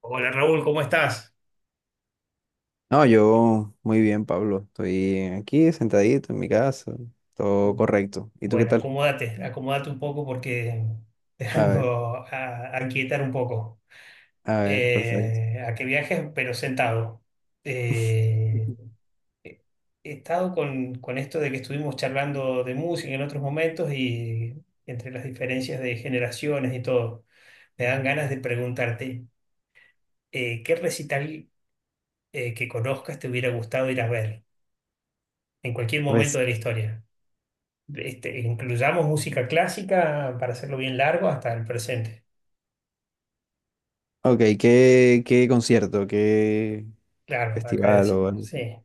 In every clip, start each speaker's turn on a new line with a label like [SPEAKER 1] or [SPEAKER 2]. [SPEAKER 1] Hola Raúl, ¿cómo estás?
[SPEAKER 2] No, yo muy bien, Pablo. Estoy aquí sentadito en mi casa. Todo correcto. ¿Y tú qué
[SPEAKER 1] Bueno,
[SPEAKER 2] tal?
[SPEAKER 1] acomódate, acomódate un poco porque
[SPEAKER 2] A ver,
[SPEAKER 1] tengo a quietar un poco.
[SPEAKER 2] a ver, perfecto.
[SPEAKER 1] A que viajes, pero sentado. Eh,
[SPEAKER 2] Ujú.
[SPEAKER 1] he estado con esto de que estuvimos charlando de música en otros momentos y entre las diferencias de generaciones y todo, me dan ganas de preguntarte, ¿qué recital que conozcas te hubiera gustado ir a ver en cualquier momento
[SPEAKER 2] Pues,
[SPEAKER 1] de la historia? Este, incluyamos música clásica para hacerlo bien largo hasta el presente.
[SPEAKER 2] ok, ¿qué, qué concierto? ¿Qué
[SPEAKER 1] Claro, acá le
[SPEAKER 2] festival o
[SPEAKER 1] decimos,
[SPEAKER 2] algo así?
[SPEAKER 1] sí.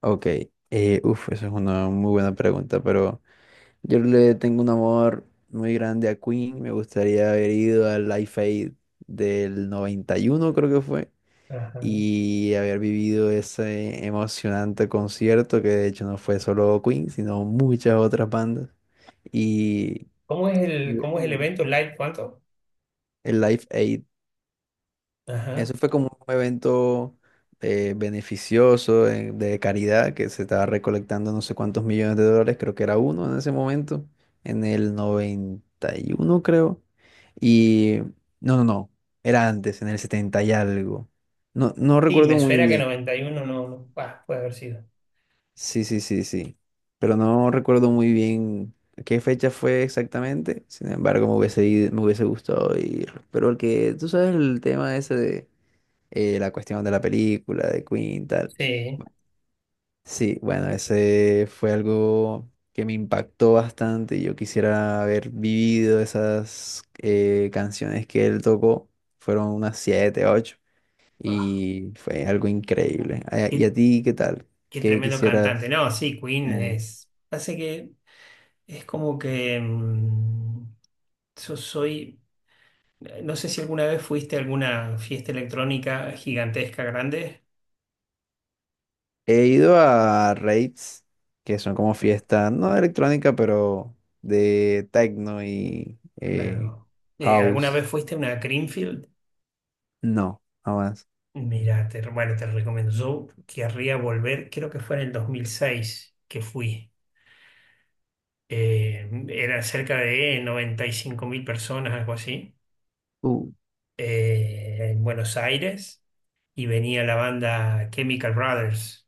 [SPEAKER 2] Ok, uf, esa es una muy buena pregunta, pero yo le tengo un amor muy grande a Queen. Me gustaría haber ido al Live Aid del 91, creo que fue.
[SPEAKER 1] Ajá.
[SPEAKER 2] Y haber vivido ese emocionante concierto que de hecho no fue solo Queen, sino muchas otras bandas. Y
[SPEAKER 1] ¿Cómo es el
[SPEAKER 2] Mm,
[SPEAKER 1] evento? ¿Live cuánto?
[SPEAKER 2] el Live Aid,
[SPEAKER 1] Ajá.
[SPEAKER 2] eso fue como un evento beneficioso, de caridad, que se estaba recolectando no sé cuántos millones de dólares, creo que era uno en ese momento, en el 91 creo. Y no, no, no, era antes, en el 70 y algo. No, no
[SPEAKER 1] Sí, me
[SPEAKER 2] recuerdo muy
[SPEAKER 1] suena que
[SPEAKER 2] bien.
[SPEAKER 1] 91, no, no, bah, puede haber sido.
[SPEAKER 2] Sí, sí, sí, sí. Pero no recuerdo muy bien qué fecha fue exactamente. Sin embargo, me hubiese gustado ir. Pero el que, tú sabes el tema ese de la cuestión de la película, de Queen, tal.
[SPEAKER 1] Sí.
[SPEAKER 2] Bueno, sí, bueno, ese fue algo que me impactó bastante. Y yo quisiera haber vivido esas canciones que él tocó. Fueron unas siete, ocho.
[SPEAKER 1] Ah,
[SPEAKER 2] Y fue algo increíble. Ah, ¿y
[SPEAKER 1] qué,
[SPEAKER 2] a ti qué tal?
[SPEAKER 1] qué
[SPEAKER 2] ¿Qué
[SPEAKER 1] tremendo cantante.
[SPEAKER 2] quisieras?
[SPEAKER 1] No, sí, Queen
[SPEAKER 2] em,
[SPEAKER 1] es. Hace que es como que yo soy. No sé si alguna vez fuiste a alguna fiesta electrónica gigantesca, grande.
[SPEAKER 2] He ido a raves, que son como fiestas, no de electrónica, pero de techno y
[SPEAKER 1] Claro. ¿Alguna
[SPEAKER 2] house.
[SPEAKER 1] vez fuiste a una Creamfield?
[SPEAKER 2] No, jamás.
[SPEAKER 1] Mira, bueno, te recomiendo. Yo querría volver, creo que fue en el 2006 que fui. Era cerca de 95 mil personas, algo así, en Buenos Aires y venía la banda Chemical Brothers.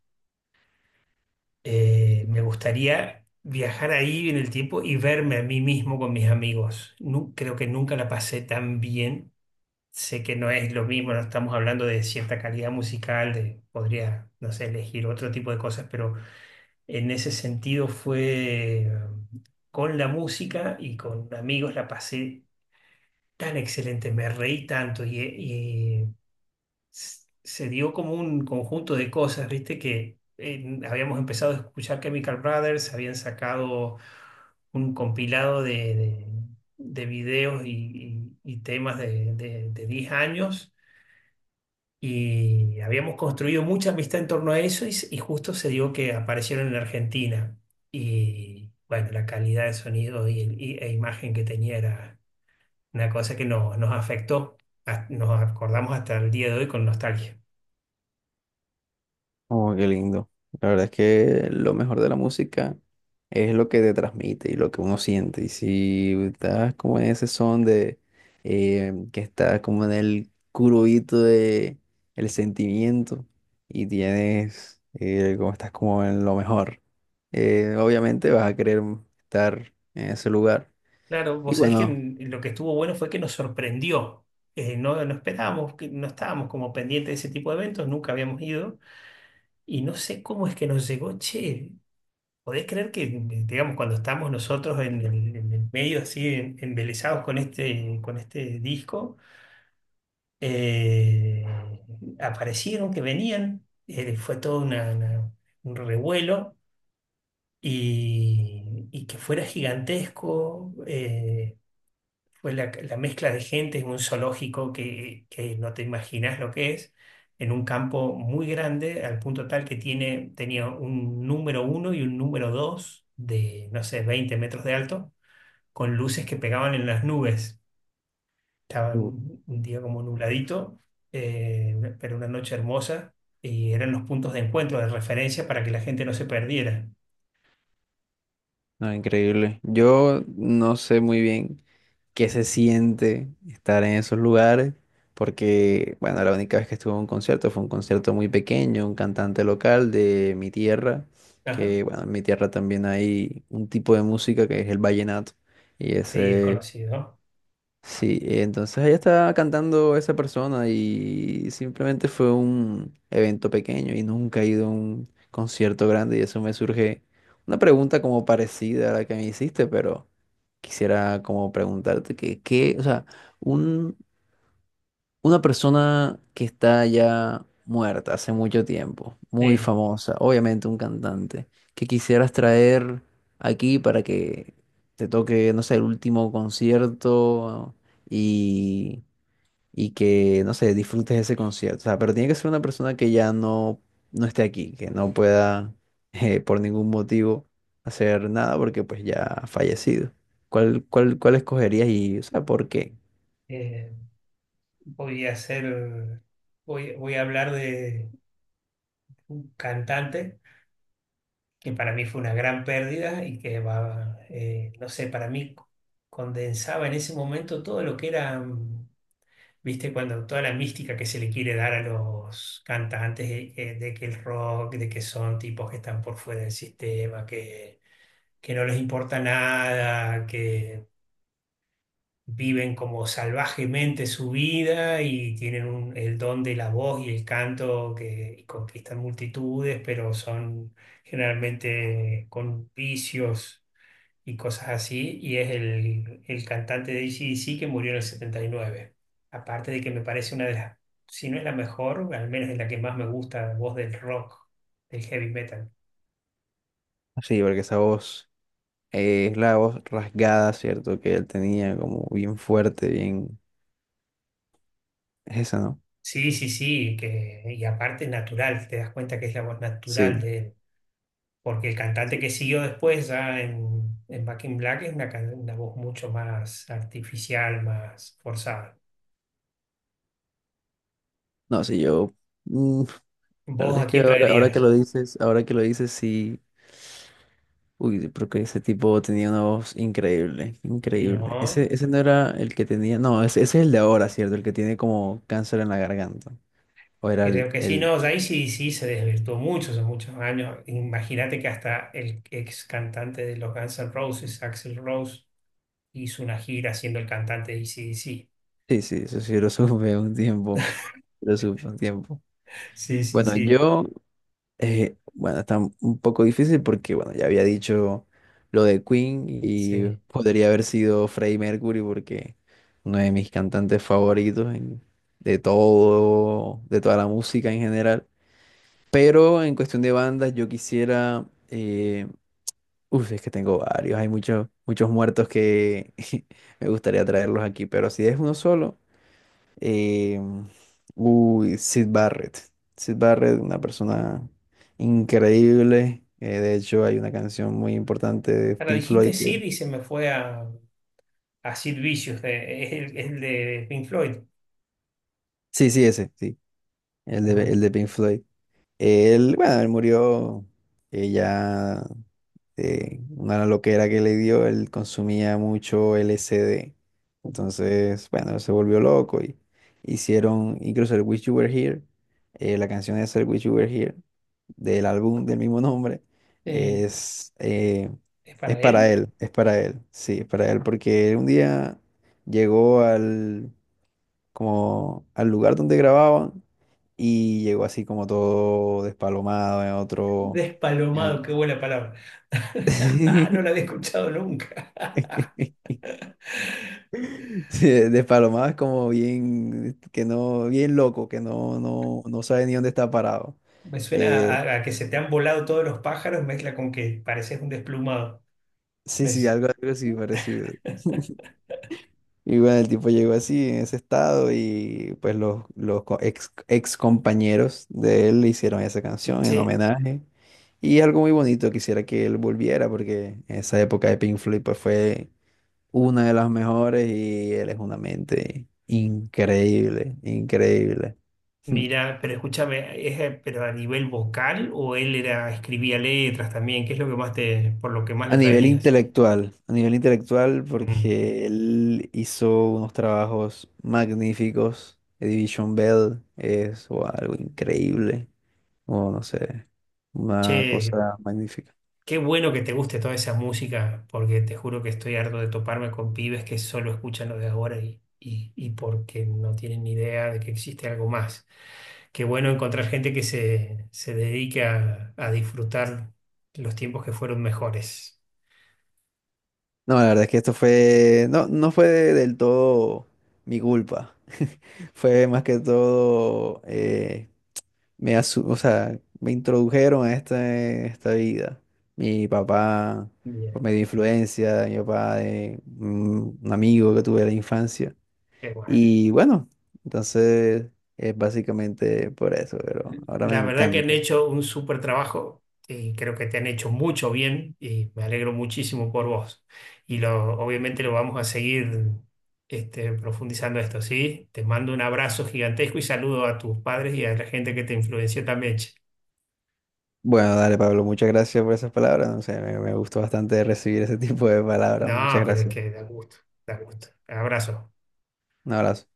[SPEAKER 1] Me gustaría viajar ahí en el tiempo y verme a mí mismo con mis amigos. Creo que nunca la pasé tan bien. Sé que no es lo mismo, no estamos hablando de cierta calidad musical, de, podría, no sé, elegir otro tipo de cosas, pero en ese sentido fue, con la música y con amigos la pasé tan excelente, me reí tanto y se dio como un conjunto de cosas, viste que habíamos empezado a escuchar Chemical Brothers, habían sacado un compilado de videos y y temas de 10 años y habíamos construido mucha amistad en torno a eso y y justo se dio que aparecieron en Argentina. Y bueno, la calidad de sonido e imagen que tenía era una cosa que nos afectó. Nos acordamos hasta el día de hoy con nostalgia.
[SPEAKER 2] Oh, qué lindo. La verdad es que lo mejor de la música es lo que te transmite y lo que uno siente. Y si estás como en ese son de que estás como en el curubito de el sentimiento y tienes como estás como en lo mejor, obviamente vas a querer estar en ese lugar.
[SPEAKER 1] Claro,
[SPEAKER 2] Y
[SPEAKER 1] vos sabés que
[SPEAKER 2] bueno,
[SPEAKER 1] lo que estuvo bueno fue que nos sorprendió. No, no esperábamos, que no estábamos como pendientes de ese tipo de eventos, nunca habíamos ido. Y no sé cómo es que nos llegó, che. ¿Podés creer que, digamos, cuando estamos nosotros en el medio así, embelesados con con este disco, eh, aparecieron que venían, fue todo un revuelo y que fuera gigantesco. Fue la mezcla de gente en un zoológico que no te imaginas lo que es, en un campo muy grande, al punto tal que tenía un número uno y un número dos de, no sé, 20 metros de alto, con luces que pegaban en las nubes. Estaba un día como nubladito, pero una noche hermosa, y eran los puntos de encuentro, de referencia para que la gente no se perdiera.
[SPEAKER 2] no, increíble. Yo no sé muy bien qué se siente estar en esos lugares, porque, bueno, la única vez que estuve en un concierto fue un concierto muy pequeño, un cantante local de mi tierra,
[SPEAKER 1] Ajá.
[SPEAKER 2] que, bueno, en mi tierra también hay un tipo de música que es el vallenato, y
[SPEAKER 1] Sí, es
[SPEAKER 2] ese.
[SPEAKER 1] conocido.
[SPEAKER 2] Sí, entonces ella estaba cantando esa persona y simplemente fue un evento pequeño y nunca he ido a un concierto grande y eso me surge una pregunta como parecida a la que me hiciste, pero quisiera como preguntarte que, qué, o sea, un, una persona que está ya muerta hace mucho tiempo, muy
[SPEAKER 1] Sí.
[SPEAKER 2] famosa, obviamente un cantante, que quisieras traer aquí para que te toque, no sé, el último concierto y, y que, no sé, disfrutes ese concierto. O sea, pero tiene que ser una persona que ya no, no esté aquí, que no pueda por ningún motivo hacer nada porque pues ya ha fallecido. ¿Cuál, cuál, cuál escogerías y, o sea, por qué?
[SPEAKER 1] Eh, Voy a hacer, voy a hablar de un cantante que para mí fue una gran pérdida y que va, no sé, para mí condensaba en ese momento todo lo que era, viste, cuando toda la mística que se le quiere dar a los cantantes de, que el rock, de que son tipos que están por fuera del sistema, que no les importa nada, que viven como salvajemente su vida y tienen el don de la voz y el canto que y conquistan multitudes, pero son generalmente con vicios y cosas así. Y es el cantante de AC/DC que murió en el setenta y nueve. Aparte de que me parece una de las, si no es la mejor, al menos es la que más me gusta, voz del rock, del heavy metal.
[SPEAKER 2] Sí, porque esa voz... es la voz rasgada, ¿cierto? Que él tenía como bien fuerte, bien... Es esa, ¿no?
[SPEAKER 1] Sí, sí, sí, que, y aparte es natural, te das cuenta que es la voz natural
[SPEAKER 2] Sí.
[SPEAKER 1] de él. Porque el cantante que siguió después ya en Back in Black es una voz mucho más artificial, más forzada.
[SPEAKER 2] No, sí, yo... mm, la
[SPEAKER 1] ¿Vos
[SPEAKER 2] verdad es
[SPEAKER 1] a
[SPEAKER 2] que
[SPEAKER 1] quién
[SPEAKER 2] ahora, ahora que
[SPEAKER 1] traerías?
[SPEAKER 2] lo dices, ahora que lo dices, sí... Uy, porque ese tipo tenía una voz increíble,
[SPEAKER 1] Y
[SPEAKER 2] increíble.
[SPEAKER 1] no,
[SPEAKER 2] Ese no era el que tenía... No, ese es el de ahora, ¿cierto? El que tiene como cáncer en la garganta. O era
[SPEAKER 1] creo que sí,
[SPEAKER 2] el...
[SPEAKER 1] no, ahí sí, sí se desvirtuó mucho hace muchos años. Imagínate que hasta el ex cantante de los Guns N' Roses, Axl Rose, hizo una gira siendo el cantante de ac. Sí,
[SPEAKER 2] Sí, sí, eso sí lo supe un tiempo. Lo supe un tiempo.
[SPEAKER 1] sí,
[SPEAKER 2] Bueno,
[SPEAKER 1] sí,
[SPEAKER 2] yo... bueno, está un poco difícil porque, bueno, ya había dicho lo de Queen y
[SPEAKER 1] sí.
[SPEAKER 2] podría haber sido Freddie Mercury porque uno de mis cantantes favoritos de todo, de toda la música en general. Pero en cuestión de bandas, yo quisiera, uf, es que tengo varios, hay muchos, muchos muertos que me gustaría traerlos aquí, pero si es uno solo. Eh, uy, Sid Barrett. Sid Barrett, una persona increíble. De hecho, hay una canción muy importante de
[SPEAKER 1] Ahora
[SPEAKER 2] Pink
[SPEAKER 1] dijiste
[SPEAKER 2] Floyd que...
[SPEAKER 1] Sid y se me fue a Sid Vicious, es el de Pink Floyd.
[SPEAKER 2] Sí, sí, ese, sí.
[SPEAKER 1] Ajá.
[SPEAKER 2] El de Pink Floyd. Él, bueno, él murió, ella, de una loquera que le dio, él consumía mucho LSD. Entonces, bueno, se volvió loco y hicieron incluso el Wish You Were Here, la canción es el Wish You Were Here, del álbum del mismo nombre,
[SPEAKER 1] Sí.
[SPEAKER 2] es, eh,
[SPEAKER 1] ¿Es para él?
[SPEAKER 2] es para él, sí, es para él, porque un día llegó al, como al lugar donde grababan y llegó así como todo despalomado en otro... en
[SPEAKER 1] Despalomado,
[SPEAKER 2] ot-
[SPEAKER 1] qué buena palabra. No la había escuchado nunca.
[SPEAKER 2] Sí, despalomado es como bien, que no, bien loco, que no, no, no sabe ni dónde está parado.
[SPEAKER 1] Me suena
[SPEAKER 2] Eh,
[SPEAKER 1] a que se te han volado todos los pájaros, mezcla con que pareces un desplumado.
[SPEAKER 2] sí,
[SPEAKER 1] Me
[SPEAKER 2] sí,
[SPEAKER 1] s-
[SPEAKER 2] algo, algo así parecido. Y bueno, el tipo llegó así, en ese estado, y pues los, ex, ex compañeros de él le hicieron esa canción en
[SPEAKER 1] Che,
[SPEAKER 2] homenaje. Y es algo muy bonito, quisiera que él volviera, porque esa época de Pink Floyd pues, fue una de las mejores y él es una mente increíble, increíble.
[SPEAKER 1] mira, pero escúchame, ¿ pero a nivel vocal o él era, escribía letras también? ¿Qué es lo que más te, por lo que más lo traerías?
[SPEAKER 2] A nivel intelectual,
[SPEAKER 1] Mm.
[SPEAKER 2] porque él hizo unos trabajos magníficos. The Division Bell es wow, algo increíble. O no sé, una
[SPEAKER 1] Che,
[SPEAKER 2] cosa magnífica.
[SPEAKER 1] qué bueno que te guste toda esa música, porque te juro que estoy harto de toparme con pibes que solo escuchan lo de ahora y porque no tienen ni idea de que existe algo más. Qué bueno encontrar gente que se dedique a disfrutar los tiempos que fueron mejores.
[SPEAKER 2] No, la verdad es que esto fue, no, no fue del todo mi culpa. Fue más que todo, o sea, me introdujeron a esta vida. Mi papá, por
[SPEAKER 1] Bien,
[SPEAKER 2] medio de influencia, mi papá de un amigo que tuve de la infancia.
[SPEAKER 1] qué bueno.
[SPEAKER 2] Y bueno, entonces es básicamente por eso, pero ahora me
[SPEAKER 1] La verdad que han
[SPEAKER 2] encanta.
[SPEAKER 1] hecho un súper trabajo y creo que te han hecho mucho bien y me alegro muchísimo por vos. Y obviamente lo vamos a seguir, este, profundizando esto, ¿sí? Te mando un abrazo gigantesco y saludo a tus padres y a la gente que te influenció también, che.
[SPEAKER 2] Bueno, dale, Pablo, muchas gracias por esas palabras. No sé, me gustó bastante recibir ese tipo de palabras. Muchas
[SPEAKER 1] No, pero es
[SPEAKER 2] gracias.
[SPEAKER 1] que da gusto, da gusto. Abrazo.
[SPEAKER 2] Un abrazo.